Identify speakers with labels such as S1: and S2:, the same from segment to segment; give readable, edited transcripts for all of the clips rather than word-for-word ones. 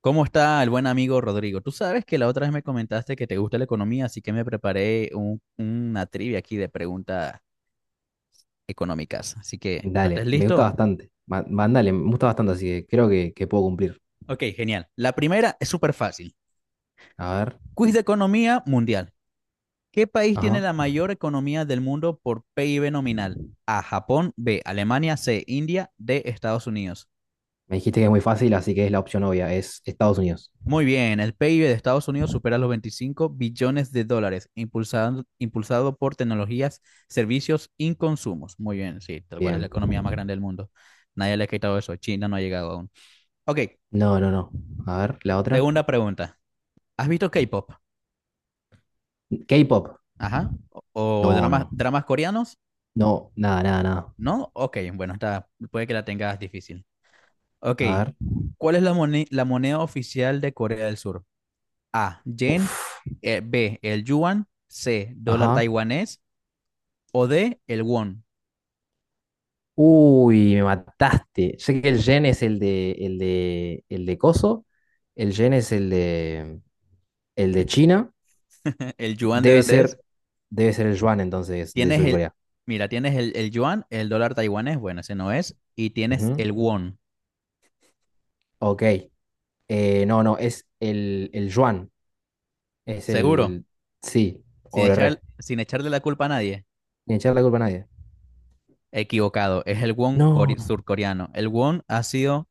S1: ¿Cómo está el buen amigo Rodrigo? Tú sabes que la otra vez me comentaste que te gusta la economía, así que me preparé una trivia aquí de preguntas económicas. Así que, cuando estés
S2: Dale, me gusta
S1: listo.
S2: bastante. Mandale, me gusta bastante, así que creo que puedo cumplir.
S1: Ok, genial. La primera es súper fácil.
S2: A ver,
S1: Quiz de economía mundial. ¿Qué país tiene
S2: ajá.
S1: la mayor economía del mundo por PIB nominal? A, Japón, B, Alemania, C, India, D, Estados Unidos.
S2: Me dijiste que es muy fácil, así que es la opción obvia, es Estados Unidos.
S1: Muy bien, el PIB de Estados Unidos supera los 25 billones de dólares, impulsado por tecnologías, servicios y consumos. Muy bien, sí, tal cual es la
S2: Bien.
S1: economía más grande del mundo. Nadie le ha quitado eso, China no ha llegado aún. Ok,
S2: No, no, no. A ver, la otra.
S1: segunda pregunta. ¿Has visto K-pop?
S2: K-pop.
S1: Ajá. ¿O, o
S2: No,
S1: dramas,
S2: no.
S1: dramas coreanos?
S2: No, nada, nada, nada.
S1: ¿No? Ok, bueno, puede que la tengas difícil. Ok,
S2: A ver.
S1: ¿cuál es la moneda oficial de Corea del Sur? A, yen,
S2: Uf.
S1: B, el yuan, C, dólar
S2: Ajá.
S1: taiwanés o D, el won.
S2: Uy, me mataste. Sé que el yen es el de Coso. El yen es el de China.
S1: ¿El yuan de
S2: Debe
S1: dónde es?
S2: ser, debe ser el yuan entonces de
S1: Tienes
S2: surcorea
S1: mira, tienes el yuan, el dólar taiwanés, bueno, ese no es. Y
S2: Corea.
S1: tienes
S2: Ujú.
S1: el won.
S2: Ok, no, no, es el yuan. Es
S1: Seguro,
S2: el sí o el re.
S1: sin echarle la culpa a nadie.
S2: Ni echar la culpa a nadie.
S1: Equivocado, es el
S2: No.
S1: surcoreano. El won ha sido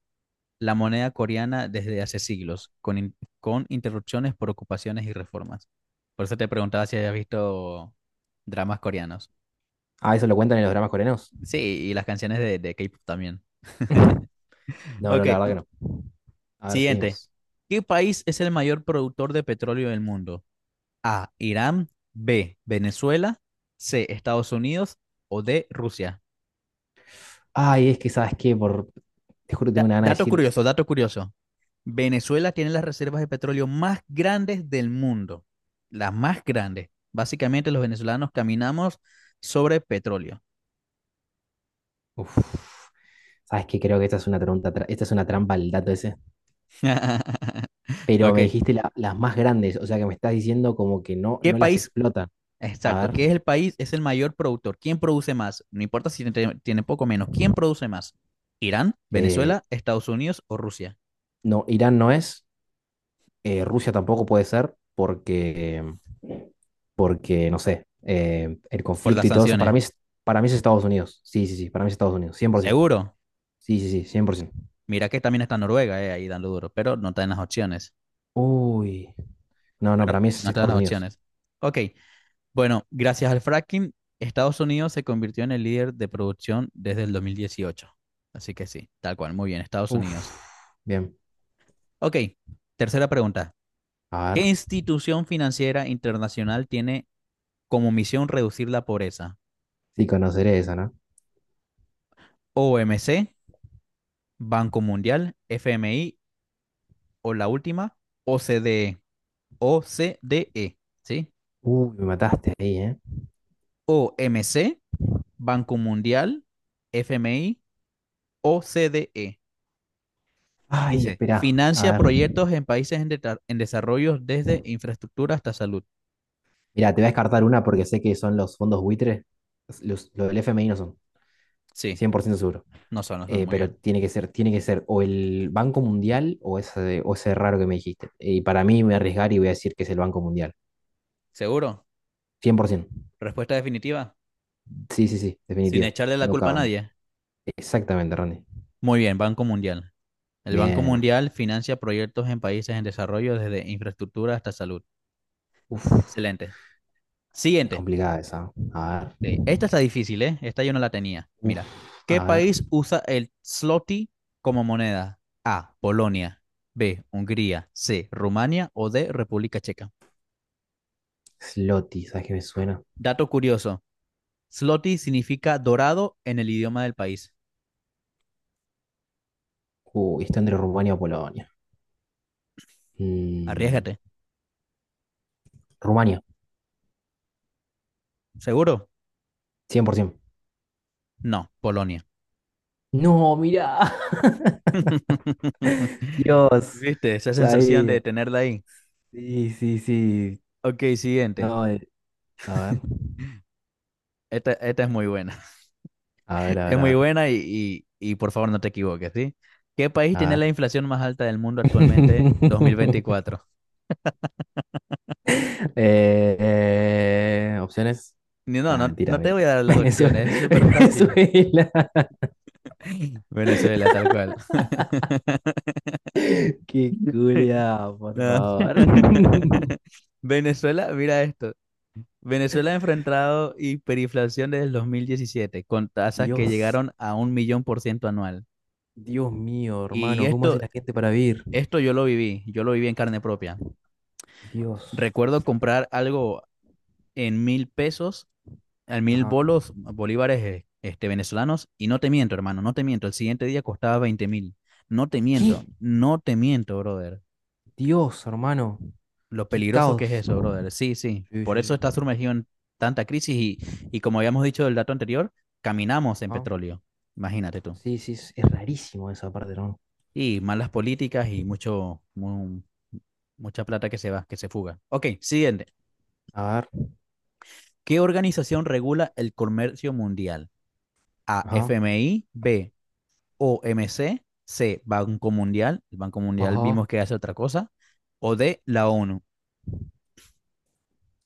S1: la moneda coreana desde hace siglos, con interrupciones por ocupaciones y reformas. Por eso te preguntaba si habías visto dramas coreanos.
S2: Ah, eso lo cuentan en los dramas coreanos.
S1: Sí, y las canciones de K-pop también.
S2: No, no,
S1: Ok,
S2: la verdad que no. A ver,
S1: siguiente.
S2: seguimos.
S1: ¿Qué país es el mayor productor de petróleo del mundo? A, Irán, B, Venezuela, C, Estados Unidos, o D, Rusia.
S2: Ay, es que, ¿sabes qué? Por… Te juro que tengo una gana de
S1: Dato
S2: decir.
S1: curioso, dato curioso. Venezuela tiene las reservas de petróleo más grandes del mundo. Las más grandes. Básicamente los venezolanos caminamos sobre petróleo.
S2: Uf, ¿sabes qué? Creo que esta es una trampa, esta es una trampa el dato ese. Pero me
S1: Ok.
S2: dijiste las más grandes, o sea que me estás diciendo como que no,
S1: ¿Qué
S2: no las
S1: país
S2: explotan. A
S1: Exacto.
S2: ver.
S1: ¿Qué es el país? Es el mayor productor. ¿Quién produce más? No importa si tiene poco o menos. ¿Quién produce más? ¿Irán,
S2: eh,
S1: Venezuela, Estados Unidos o Rusia?
S2: no, Irán no es. Rusia tampoco puede ser, porque. Porque, no sé, el
S1: Por las
S2: conflicto y todo eso, para mí,
S1: sanciones.
S2: para mí es Estados Unidos. Sí, sí, sí, para mí es Estados Unidos, 100%.
S1: Seguro.
S2: Sí, sí, sí, 100%.
S1: Mira que también está Noruega, ahí dando duro, pero no está en las opciones.
S2: Uy, no, no,
S1: Pero
S2: para mí es
S1: no está en
S2: Estados
S1: las
S2: Unidos.
S1: opciones. Ok. Bueno, gracias al fracking, Estados Unidos se convirtió en el líder de producción desde el 2018. Así que sí, tal cual. Muy bien, Estados Unidos.
S2: Uf, bien.
S1: Ok. Tercera pregunta.
S2: A
S1: ¿Qué
S2: ver,
S1: institución financiera internacional tiene como misión reducir la pobreza?
S2: sí, conoceré esa, ¿no?
S1: OMC, Banco Mundial, FMI o la última, OCDE. OCDE, ¿sí?
S2: Uy, me mataste ahí, ¿eh?
S1: OMC, Banco Mundial, FMI, OCDE.
S2: Ay,
S1: Dice,
S2: espera, a
S1: financia
S2: ver.
S1: proyectos en países en desarrollo, desde infraestructura hasta salud.
S2: Mira, te voy a descartar una porque sé que son los fondos buitres. Lo del FMI no son,
S1: Sí,
S2: 100% seguro.
S1: no son, muy
S2: Pero
S1: bien.
S2: tiene que ser o el Banco Mundial o ese raro que me dijiste. Y para mí me voy a arriesgar y voy a decir que es el Banco Mundial.
S1: ¿Seguro?
S2: 100%.
S1: Respuesta definitiva,
S2: Sí, sí, sí,
S1: sin
S2: definitivo.
S1: echarle la
S2: No
S1: culpa a
S2: cabe.
S1: nadie.
S2: Exactamente, Ronnie.
S1: Muy bien, Banco Mundial. El Banco
S2: Bien.
S1: Mundial financia proyectos en países en desarrollo, desde infraestructura hasta salud.
S2: Uf,
S1: Excelente.
S2: es
S1: Siguiente.
S2: complicada esa. A ver.
S1: Sí. Esta está difícil, ¿eh? Esta yo no la tenía. Mira.
S2: Uf,
S1: ¿Qué
S2: a ver.
S1: país usa el zloty como moneda? A, Polonia, B, Hungría, C, Rumania, o D, República Checa.
S2: Sloty, ¿sabes qué me suena?
S1: Dato curioso. Zloty significa dorado en el idioma del país.
S2: Uy, está entre Rumania o Polonia. Mm,
S1: Arriésgate.
S2: Rumania,
S1: ¿Seguro?
S2: 100%.
S1: No. Polonia.
S2: No, mirá. Dios.
S1: ¿Viste? Esa sensación de
S2: Sabía.
S1: tenerla ahí.
S2: Sí, sí, sí.
S1: Ok, siguiente.
S2: No, a ver.
S1: Esta es muy buena.
S2: A ver, a
S1: Es
S2: ver,
S1: muy
S2: a ver.
S1: buena y, por favor no te equivoques, ¿sí? ¿Qué país tiene
S2: A
S1: la
S2: ver.
S1: inflación más alta del mundo actualmente, 2024?
S2: Eh, opciones.
S1: No,
S2: Nada,
S1: no,
S2: mentira,
S1: no te voy a dar las
S2: Venezuela.
S1: opciones, es súper fácil.
S2: Venezuela.
S1: Venezuela, tal cual.
S2: Qué culia, por
S1: No.
S2: favor.
S1: Venezuela, mira esto. Venezuela ha enfrentado hiperinflación desde el 2017, con tasas que
S2: Dios,
S1: llegaron a 1.000.000% anual.
S2: Dios mío,
S1: Y
S2: hermano, ¿cómo hace
S1: esto,
S2: la gente para vivir?
S1: esto yo lo viví en carne propia.
S2: Dios.
S1: Recuerdo comprar algo en 1.000 pesos, en mil
S2: Ajá.
S1: bolos, bolívares venezolanos, y no te miento, hermano, no te miento, el siguiente día costaba 20.000. No te miento,
S2: ¿Qué?
S1: no te miento, brother.
S2: Dios, hermano.
S1: Lo
S2: Qué
S1: peligroso que es
S2: caos.
S1: eso, brother. Sí, sí.
S2: Sí,
S1: Por
S2: sí,
S1: eso
S2: sí.
S1: está sumergido en tanta crisis y como habíamos dicho del dato anterior, caminamos en
S2: Ajá.
S1: petróleo. Imagínate tú.
S2: Sí, sí, es rarísimo esa parte, hermano.
S1: Y malas políticas y mucha plata que se va, que se fuga. Ok, siguiente.
S2: A ver.
S1: ¿Qué organización regula el comercio mundial? A, F
S2: Ajá.
S1: M I B, O MC, C, Banco Mundial, el Banco Mundial
S2: Ajá.
S1: vimos que hace otra cosa, o D, la ONU.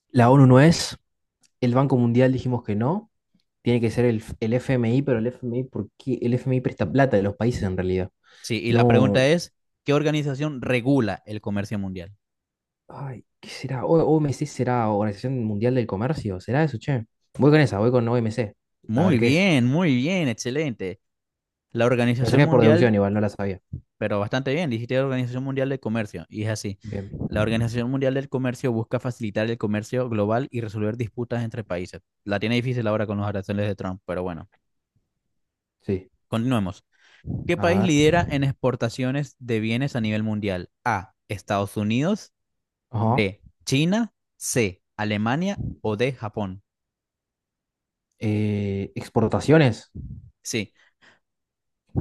S2: La ONU no es. El Banco Mundial dijimos que no. Tiene que ser el FMI, pero el FMI, ¿por qué? El FMI presta plata de los países en realidad.
S1: Sí, y la pregunta
S2: No,
S1: es, ¿qué organización regula el comercio mundial?
S2: ay, ¿qué será? OMC será Organización Mundial del Comercio, ¿será eso, che? Voy con esa, voy con OMC. A ver qué es.
S1: Muy bien, excelente. La
S2: La
S1: Organización
S2: saqué por deducción
S1: Mundial,
S2: igual, no la sabía.
S1: pero bastante bien, dijiste la Organización Mundial del Comercio, y es así.
S2: Bien.
S1: La Organización Mundial del Comercio busca facilitar el comercio global y resolver disputas entre países. La tiene difícil ahora con los aranceles de Trump, pero bueno,
S2: Sí.
S1: continuemos. ¿Qué
S2: A
S1: país
S2: ver.
S1: lidera en exportaciones de bienes a nivel mundial? A, Estados Unidos,
S2: Ajá.
S1: B, China, C, Alemania o D, Japón.
S2: Exportaciones.
S1: Sí.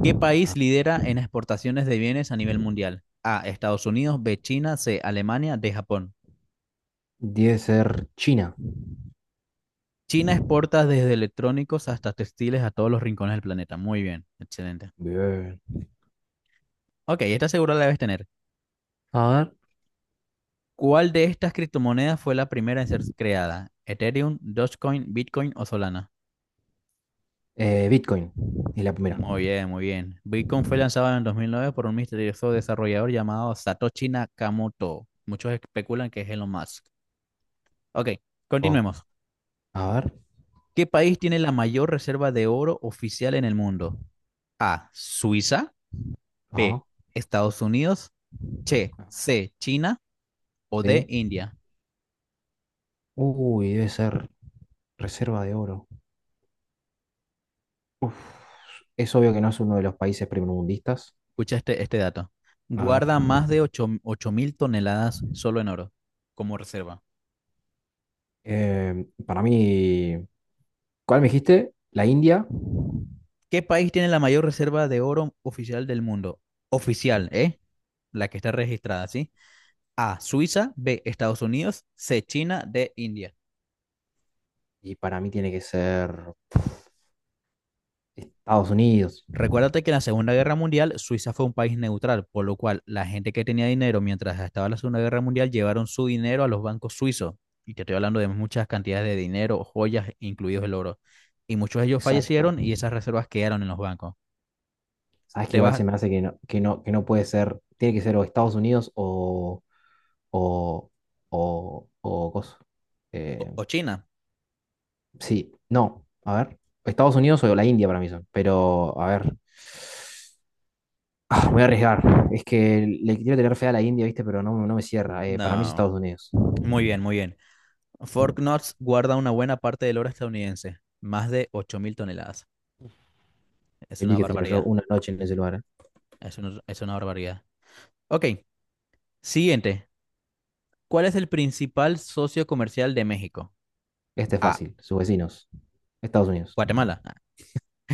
S1: ¿Qué país
S2: Ah,
S1: lidera en exportaciones de bienes a nivel mundial? A, Estados Unidos, B, China, C, Alemania, D, Japón.
S2: debe ser China.
S1: China exporta desde electrónicos hasta textiles a todos los rincones del planeta. Muy bien, excelente.
S2: Bien.
S1: Ok, esta segura la debes tener.
S2: A ver.
S1: ¿Cuál de estas criptomonedas fue la primera en ser creada? ¿Ethereum, Dogecoin, Bitcoin o Solana?
S2: Bitcoin. Es la primera.
S1: Muy bien, muy bien. Bitcoin fue lanzado en el 2009 por un misterioso desarrollador llamado Satoshi Nakamoto. Muchos especulan que es Elon Musk. Ok,
S2: Oh,
S1: continuemos.
S2: a ver.
S1: ¿Qué país tiene la mayor reserva de oro oficial en el mundo? A, Suiza,
S2: Ajá.
S1: B, Estados Unidos, che, C, China, o D,
S2: Sí.
S1: India.
S2: Uy, debe ser reserva de oro. Uf, es obvio que no es uno de los países primermundistas.
S1: Escucha este dato.
S2: A ver.
S1: Guarda más de 8.000 toneladas solo en oro como reserva.
S2: Para mí, ¿cuál me dijiste? La India.
S1: ¿Qué país tiene la mayor reserva de oro oficial del mundo? Oficial, ¿eh? La que está registrada, ¿sí? A, Suiza, B, Estados Unidos, C, China, D, India.
S2: Y para mí tiene que ser Estados Unidos.
S1: Recuérdate que en la Segunda Guerra Mundial Suiza fue un país neutral, por lo cual la gente que tenía dinero mientras estaba la Segunda Guerra Mundial llevaron su dinero a los bancos suizos. Y te estoy hablando de muchas cantidades de dinero, joyas, incluidos el oro. Y muchos de ellos
S2: Exacto.
S1: fallecieron y esas reservas quedaron en los bancos.
S2: Sabes que
S1: ¿Te
S2: igual
S1: vas
S2: se me hace que no, que no, que no puede ser, tiene que ser o Estados Unidos o, o cosa. Eh,
S1: o China?
S2: sí, no. A ver. Estados Unidos o la India para mí son. Pero, a ver. Ah, me voy a arriesgar. Es que le quiero tener fe a la India, ¿viste? Pero no, no me cierra. Para mí es
S1: No.
S2: Estados Unidos.
S1: Muy bien, muy bien. Knox guarda una buena parte del oro estadounidense, más de 8.000 toneladas. Es
S2: Feliz
S1: una
S2: que tener yo
S1: barbaridad,
S2: una noche en ese lugar.
S1: es es una barbaridad. Ok, siguiente. ¿Cuál es el principal socio comercial de México?
S2: Este es
S1: A,
S2: fácil, sus vecinos, Estados Unidos.
S1: Guatemala.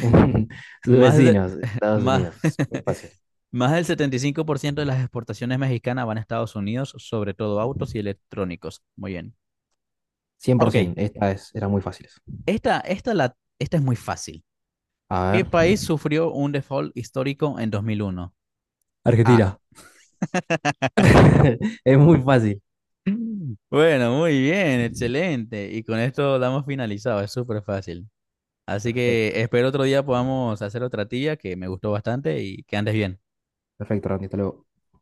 S2: Sus
S1: Más, de-
S2: vecinos, Estados
S1: más,
S2: Unidos. Muy fácil.
S1: más del 75% de las exportaciones mexicanas van a Estados Unidos, sobre todo autos y electrónicos. Muy bien. Ok,
S2: 100%, era muy fácil.
S1: esta es muy fácil.
S2: A
S1: ¿Qué
S2: ver.
S1: país sufrió un default histórico en 2001? A.
S2: Argentina. Es muy fácil.
S1: Bueno, muy bien, excelente. Y con esto damos finalizado, es súper fácil. Así que
S2: Perfecto.
S1: espero otro día podamos hacer otra tía que me gustó bastante y que andes bien.
S2: Perfecto, Randy, hasta luego.